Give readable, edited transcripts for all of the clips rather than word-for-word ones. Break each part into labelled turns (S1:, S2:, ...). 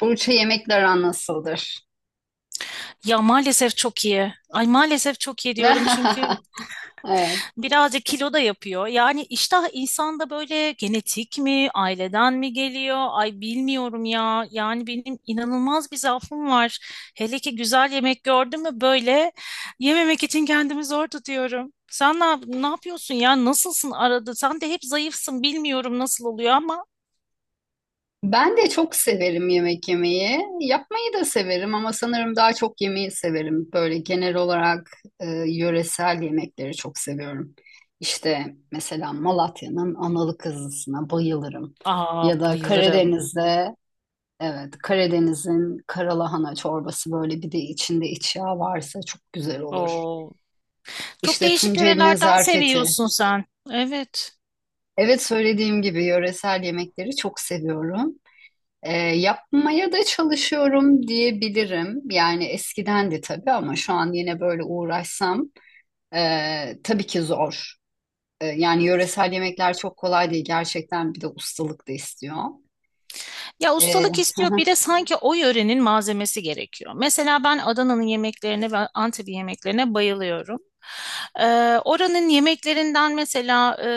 S1: Burç'a yemekler aran nasıldır?
S2: Ya maalesef çok iyi. Ay maalesef çok iyi diyorum çünkü
S1: Evet.
S2: birazcık kilo da yapıyor. Yani iştah insanda böyle genetik mi, aileden mi geliyor? Ay bilmiyorum ya. Yani benim inanılmaz bir zaafım var. Hele ki güzel yemek gördüm mü böyle yememek için kendimi zor tutuyorum. Sen ne, ne yapıyorsun ya? Nasılsın arada? Sen de hep zayıfsın. Bilmiyorum nasıl oluyor ama.
S1: Ben de çok severim yemek yemeyi. Yapmayı da severim ama sanırım daha çok yemeyi severim. Böyle genel olarak yöresel yemekleri çok seviyorum. İşte mesela Malatya'nın analı kızlısına bayılırım.
S2: Aa
S1: Ya da
S2: bayılırım.
S1: Karadeniz'de evet Karadeniz'in karalahana çorbası böyle bir de içinde iç yağ varsa çok güzel olur.
S2: Oo. Çok
S1: İşte
S2: değişik
S1: Tunceli'nin
S2: yörelerden
S1: zarfeti.
S2: seviyorsun sen. Evet.
S1: Evet söylediğim gibi yöresel yemekleri çok seviyorum. Yapmaya da çalışıyorum diyebilirim. Yani eskiden de tabii ama şu an yine böyle uğraşsam tabii ki zor. Yani yöresel yemekler çok kolay değil. Gerçekten bir de ustalık da istiyor.
S2: Ya
S1: E,
S2: ustalık istiyor bir de sanki o yörenin malzemesi gerekiyor. Mesela ben Adana'nın yemeklerine ve Antep'in yemeklerine bayılıyorum. Ee, oranın yemeklerinden mesela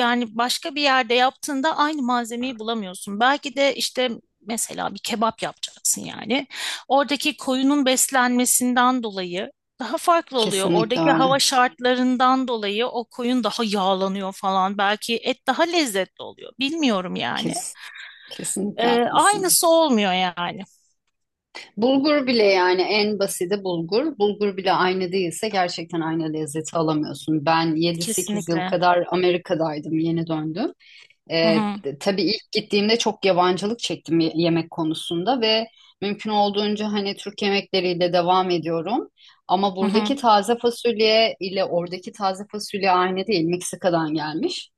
S2: yani başka bir yerde yaptığında aynı malzemeyi bulamıyorsun. Belki de işte mesela bir kebap yapacaksın yani. Oradaki koyunun beslenmesinden dolayı daha farklı oluyor.
S1: kesinlikle
S2: Oradaki
S1: öyle.
S2: hava şartlarından dolayı o koyun daha yağlanıyor falan. Belki et daha lezzetli oluyor. Bilmiyorum yani.
S1: Kes, kesinlikle haklısın.
S2: Aynısı olmuyor yani.
S1: Bulgur bile yani en basiti bulgur. Bulgur bile aynı değilse gerçekten aynı lezzeti alamıyorsun. Ben yedi sekiz yıl
S2: Kesinlikle.
S1: kadar Amerika'daydım, yeni döndüm.
S2: Hı hı,
S1: Tabii ilk gittiğimde çok yabancılık çektim yemek konusunda ve mümkün olduğunca hani Türk yemekleriyle devam ediyorum. Ama
S2: hı hı,
S1: buradaki taze fasulye ile oradaki taze fasulye aynı değil. Meksika'dan gelmiş.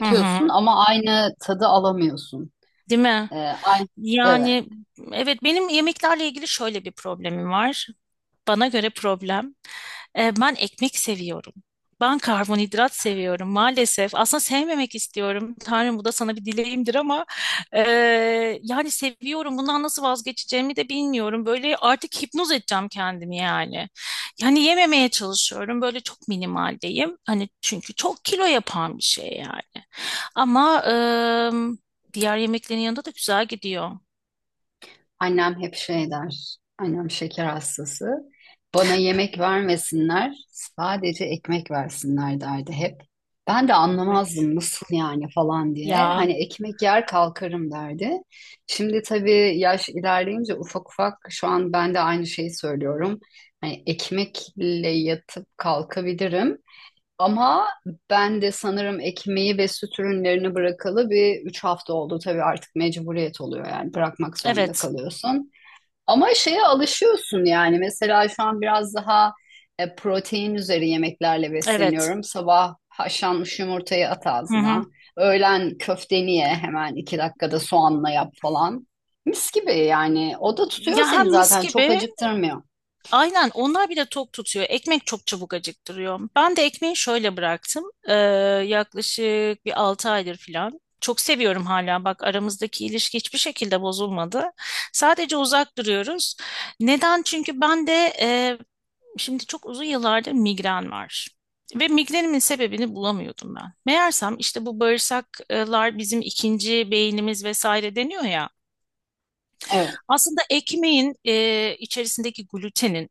S2: hı hı.
S1: ama aynı tadı alamıyorsun.
S2: Değil mi?
S1: Ee, aynı,
S2: Yani evet, benim yemeklerle ilgili şöyle bir problemim var. Bana göre problem. Ben ekmek seviyorum. Ben karbonhidrat seviyorum maalesef. Aslında sevmemek istiyorum. Tanrım bu da sana bir dileğimdir, ama e, yani seviyorum. Bundan nasıl vazgeçeceğimi de bilmiyorum. Böyle artık hipnoz edeceğim kendimi yani. Yani yememeye çalışıyorum. Böyle çok minimaldeyim. Hani çünkü çok kilo yapan bir şey yani. Ama diğer yemeklerin yanında da güzel gidiyor.
S1: Annem hep şey der. Annem şeker hastası. Bana yemek vermesinler, sadece ekmek versinler derdi hep. Ben de
S2: Evet.
S1: anlamazdım nasıl yani falan diye.
S2: Ya
S1: Hani ekmek yer kalkarım derdi. Şimdi tabii yaş ilerleyince ufak ufak şu an ben de aynı şeyi söylüyorum. Hani ekmekle yatıp kalkabilirim. Ama ben de sanırım ekmeği ve süt ürünlerini bırakalı bir üç hafta oldu. Tabii artık mecburiyet oluyor yani bırakmak zorunda
S2: evet,
S1: kalıyorsun. Ama şeye alışıyorsun yani mesela şu an biraz daha protein üzeri yemeklerle
S2: evet.
S1: besleniyorum. Sabah haşlanmış yumurtayı at
S2: Hı
S1: ağzına,
S2: hı.
S1: öğlen köfteni ye hemen iki dakikada soğanla yap falan. Mis gibi yani o da tutuyor
S2: Ya hem
S1: seni
S2: mis
S1: zaten çok
S2: gibi
S1: acıktırmıyor.
S2: aynen, onlar bile tok tutuyor. Ekmek çok çabuk acıktırıyor. Ben de ekmeği şöyle bıraktım. Yaklaşık bir 6 aydır falan. Çok seviyorum hala. Bak, aramızdaki ilişki hiçbir şekilde bozulmadı. Sadece uzak duruyoruz. Neden? Çünkü ben de e, şimdi çok uzun yıllardır migren var. Ve migrenimin sebebini bulamıyordum ben. Meğersem işte bu bağırsaklar bizim ikinci beynimiz vesaire deniyor ya.
S1: Evet,
S2: Aslında ekmeğin içerisindeki glutenin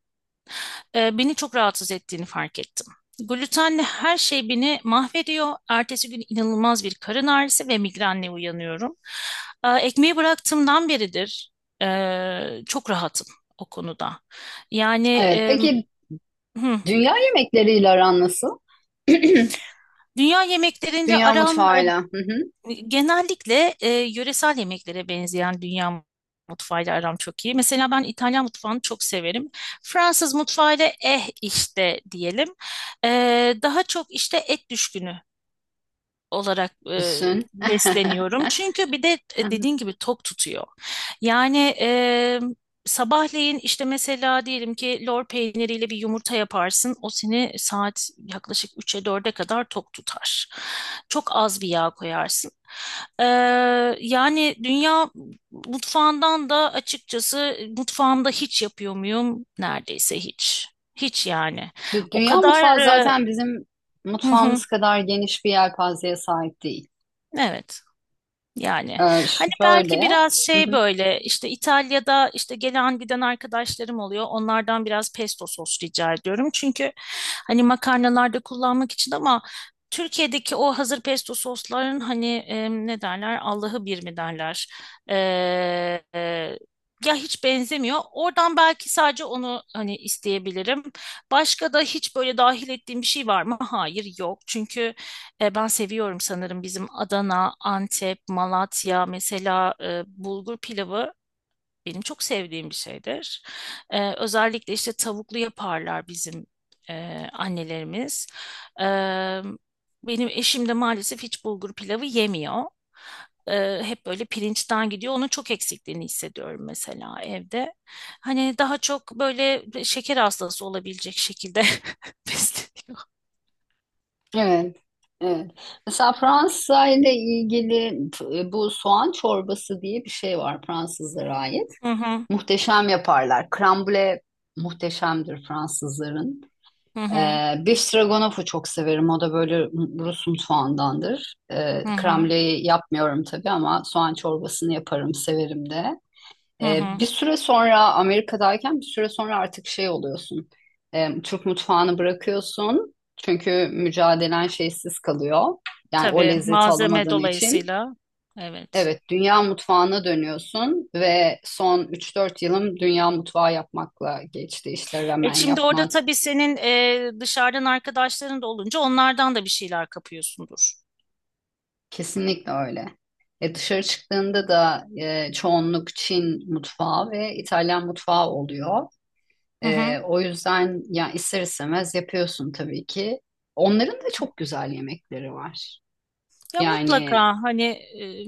S2: beni çok rahatsız ettiğini fark ettim. Glutenle her şey beni mahvediyor. Ertesi gün inanılmaz bir karın ağrısı ve migrenle uyanıyorum. Ekmeği bıraktığımdan beridir çok rahatım o konuda. Yani
S1: evet. Peki
S2: hı,
S1: dünya yemekleriyle aran nasıl?
S2: dünya yemeklerinde
S1: Dünya
S2: aram.
S1: mutfağıyla. Hı hı.
S2: Genellikle yöresel yemeklere benzeyen dünya mutfağıyla aram çok iyi. Mesela ben İtalyan mutfağını çok severim. Fransız mutfağıyla eh işte diyelim. E, daha çok işte et düşkünü olarak
S1: Düşün.
S2: besleniyorum. Çünkü bir de dediğin gibi tok tutuyor. Yani sabahleyin işte mesela diyelim ki lor peyniriyle bir yumurta yaparsın. O seni saat yaklaşık 3'e 4'e kadar tok tutar. Çok az bir yağ koyarsın. E, yani dünya mutfağından da açıkçası mutfağımda hiç yapıyor muyum? Neredeyse hiç. Hiç yani.
S1: Dü-
S2: O
S1: Dünya
S2: kadar...
S1: mutfağı zaten bizim
S2: hı hı,
S1: mutfağımız kadar geniş bir yelpazeye sahip değil.
S2: evet. Yani
S1: Ee,
S2: hani belki
S1: şöyle.
S2: biraz
S1: Hı
S2: şey,
S1: hı.
S2: böyle işte İtalya'da işte gelen giden arkadaşlarım oluyor. Onlardan biraz pesto sos rica ediyorum. Çünkü hani makarnalarda kullanmak için, ama Türkiye'deki o hazır pesto sosların hani ne derler, Allah'ı bir mi derler. E, e, ya hiç benzemiyor. Oradan belki sadece onu hani isteyebilirim. Başka da hiç böyle dahil ettiğim bir şey var mı? Hayır, yok. Çünkü ben seviyorum sanırım bizim Adana, Antep, Malatya mesela bulgur pilavı benim çok sevdiğim bir şeydir. Özellikle işte tavuklu yaparlar bizim annelerimiz. E, benim eşim de maalesef hiç bulgur pilavı yemiyor. Hep böyle pirinçten gidiyor. Onun çok eksikliğini hissediyorum mesela evde. Hani daha çok böyle şeker hastası olabilecek şekilde besleniyor.
S1: Evet. Evet. Mesela Fransa ile ilgili bu soğan çorbası diye bir şey var Fransızlara ait.
S2: Hı hı,
S1: Muhteşem yaparlar. Krambule muhteşemdir Fransızların.
S2: hı hı,
S1: Beef Stroganoff'u çok severim. O da böyle Rus mutfağındandır.
S2: hı hı,
S1: Kremliği yapmıyorum tabii ama soğan çorbasını yaparım, severim de.
S2: hı hı.
S1: Bir süre sonra Amerika'dayken bir süre sonra artık şey oluyorsun. Türk mutfağını bırakıyorsun. Çünkü mücadelen şeysiz kalıyor. Yani o
S2: Tabii,
S1: lezzeti
S2: malzeme
S1: alamadığın için.
S2: dolayısıyla. Evet.
S1: Evet, dünya mutfağına dönüyorsun ve son 3-4 yılım dünya mutfağı yapmakla geçti. İşte
S2: E
S1: ramen
S2: şimdi orada
S1: yapmak,
S2: tabii senin dışarıdan arkadaşların da olunca onlardan da bir şeyler kapıyorsundur.
S1: kesinlikle öyle. E dışarı çıktığında da çoğunluk Çin mutfağı ve İtalyan mutfağı oluyor.
S2: Hı hı.
S1: O yüzden ya ister istemez yapıyorsun tabii ki. Onların da çok güzel yemekleri var.
S2: Ya mutlaka
S1: Yani
S2: hani e,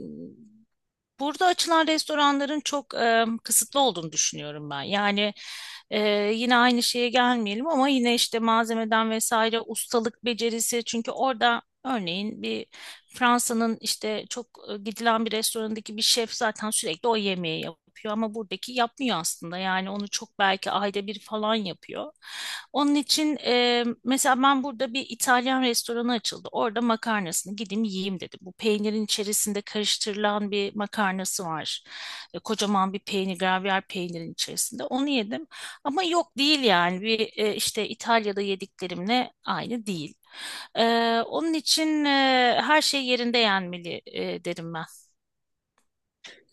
S2: burada açılan restoranların çok kısıtlı olduğunu düşünüyorum ben. Yani e, yine aynı şeye gelmeyelim ama yine işte malzemeden vesaire, ustalık becerisi, çünkü orada örneğin bir Fransa'nın işte çok gidilen bir restorandaki bir şef zaten sürekli o yemeği yapıyor ama buradaki yapmıyor aslında. Yani onu çok, belki ayda bir falan yapıyor. Onun için mesela ben, burada bir İtalyan restoranı açıldı. Orada makarnasını gideyim yiyeyim dedim. Bu peynirin içerisinde karıştırılan bir makarnası var. Kocaman bir peynir, gravyer peynirin içerisinde. Onu yedim. Ama yok, değil yani, bir işte İtalya'da yediklerimle aynı değil. Onun için her şey yerinde yenmeli derim ben,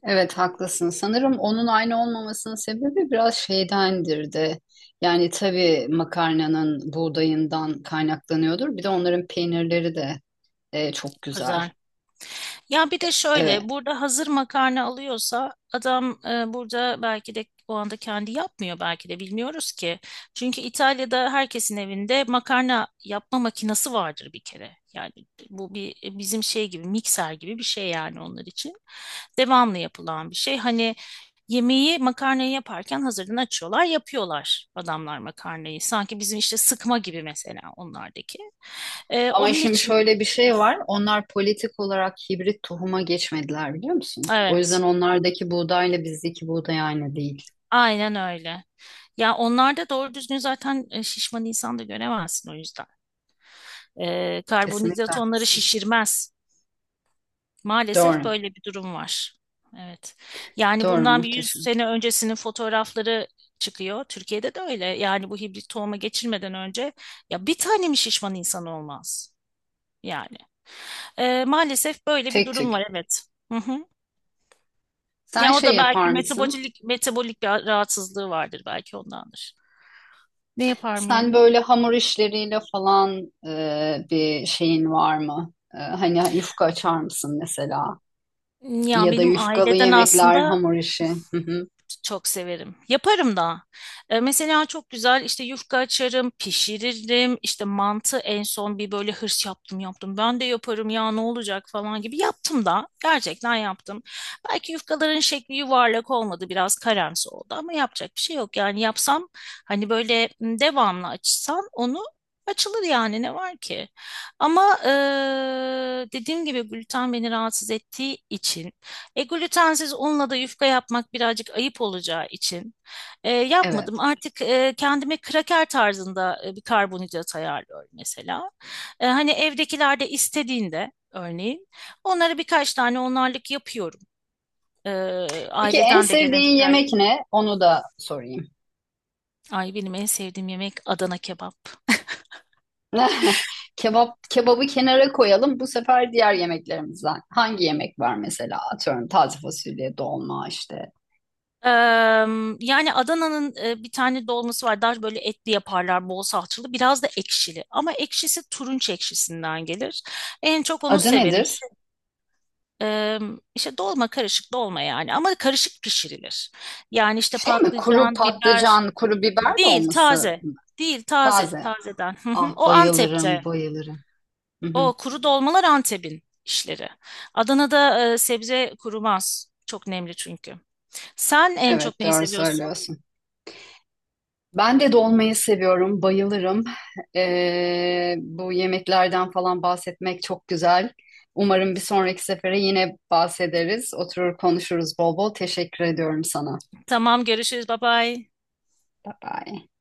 S1: evet haklısın. Sanırım onun aynı olmamasının sebebi biraz şeydendir de. Yani tabii makarnanın buğdayından kaynaklanıyordur. Bir de onların peynirleri de çok güzel.
S2: özel. Ya bir de
S1: Evet.
S2: şöyle, burada hazır makarna alıyorsa adam burada belki de o anda kendi yapmıyor, belki de bilmiyoruz ki. Çünkü İtalya'da herkesin evinde makarna yapma makinesi vardır bir kere. Yani bu bir bizim şey gibi, mikser gibi bir şey yani onlar için. Devamlı yapılan bir şey. Hani yemeği, makarnayı yaparken hazırdan açıyorlar, yapıyorlar adamlar makarnayı. Sanki bizim işte sıkma gibi mesela onlardaki.
S1: Ama
S2: Onun
S1: şimdi
S2: için
S1: şöyle bir şey var. Onlar politik olarak hibrit tohuma geçmediler biliyor musun? O yüzden
S2: evet,
S1: onlardaki buğdayla bizdeki buğday aynı değil.
S2: aynen öyle. Ya onlarda doğru düzgün zaten şişman insan da göremezsin o yüzden.
S1: Kesinlikle
S2: Karbonhidrat onları
S1: haklısın.
S2: şişirmez. Maalesef
S1: Doğru.
S2: böyle bir durum var. Evet. Yani
S1: Doğru
S2: bundan bir 100
S1: muhteşem.
S2: sene öncesinin fotoğrafları çıkıyor. Türkiye'de de öyle. Yani bu hibrit tohuma geçirmeden önce ya bir tane mi şişman insan olmaz? Yani. Maalesef böyle bir
S1: Tek
S2: durum var,
S1: tük.
S2: evet. Hı hı.
S1: Sen
S2: Ya o
S1: şey
S2: da
S1: yapar
S2: belki
S1: mısın?
S2: metabolik bir rahatsızlığı vardır, belki ondandır. Ne yapar
S1: Sen
S2: mıyım?
S1: böyle hamur işleriyle falan bir şeyin var mı? Hani yufka açar mısın mesela?
S2: Ya
S1: Ya da
S2: benim,
S1: yufkalı
S2: aileden
S1: yemekler,
S2: aslında
S1: hamur işi. Hı hı.
S2: çok severim. Yaparım da. Mesela çok güzel işte yufka açarım, pişiririm. İşte mantı en son bir böyle hırs yaptım, yaptım. Ben de yaparım ya, ne olacak falan gibi yaptım da. Gerçekten yaptım. Belki yufkaların şekli yuvarlak olmadı, biraz karamsı oldu, ama yapacak bir şey yok. Yani yapsam, hani böyle devamlı açsam, onu açılır yani, ne var ki? Ama dediğim gibi gluten beni rahatsız ettiği için glutensiz unla da yufka yapmak birazcık ayıp olacağı için
S1: Evet.
S2: yapmadım. Artık kendime kraker tarzında bir karbonhidrat ayarlıyorum mesela. Hani evdekiler de istediğinde örneğin onlara birkaç tane onlarlık yapıyorum. E,
S1: Peki en
S2: aileden de gelen
S1: sevdiğin
S2: isterler.
S1: yemek ne? Onu da sorayım.
S2: Ay, benim en sevdiğim yemek Adana kebap.
S1: Kebap, kebabı kenara koyalım. Bu sefer diğer yemeklerimizden. Hangi yemek var mesela? Atıyorum taze fasulye, dolma işte.
S2: E, yani Adana'nın bir tane dolması var. Daha böyle etli yaparlar, bol salçalı, biraz da ekşili. Ama ekşisi turunç ekşisinden gelir. En çok onu
S1: Adı
S2: severim.
S1: nedir?
S2: Ee, işte dolma, karışık dolma yani, ama karışık pişirilir. Yani işte
S1: Şey mi? Kuru
S2: patlıcan, biber,
S1: patlıcan, kuru biber de
S2: değil
S1: olması
S2: taze. Değil taze,
S1: taze.
S2: tazeden. Hı hı.
S1: Ah
S2: O
S1: bayılırım,
S2: Antep'te.
S1: bayılırım. Hı hı.
S2: O kuru dolmalar Antep'in işleri. Adana'da sebze kurumaz. Çok nemli çünkü. Sen en çok
S1: Evet,
S2: neyi
S1: doğru
S2: seviyorsun?
S1: söylüyorsun. Ben de dolmayı seviyorum, bayılırım. Bu yemeklerden falan bahsetmek çok güzel. Umarım bir sonraki sefere yine bahsederiz. Oturur konuşuruz bol bol. Teşekkür ediyorum sana.
S2: Tamam, görüşürüz. Bye bye.
S1: Bye bye.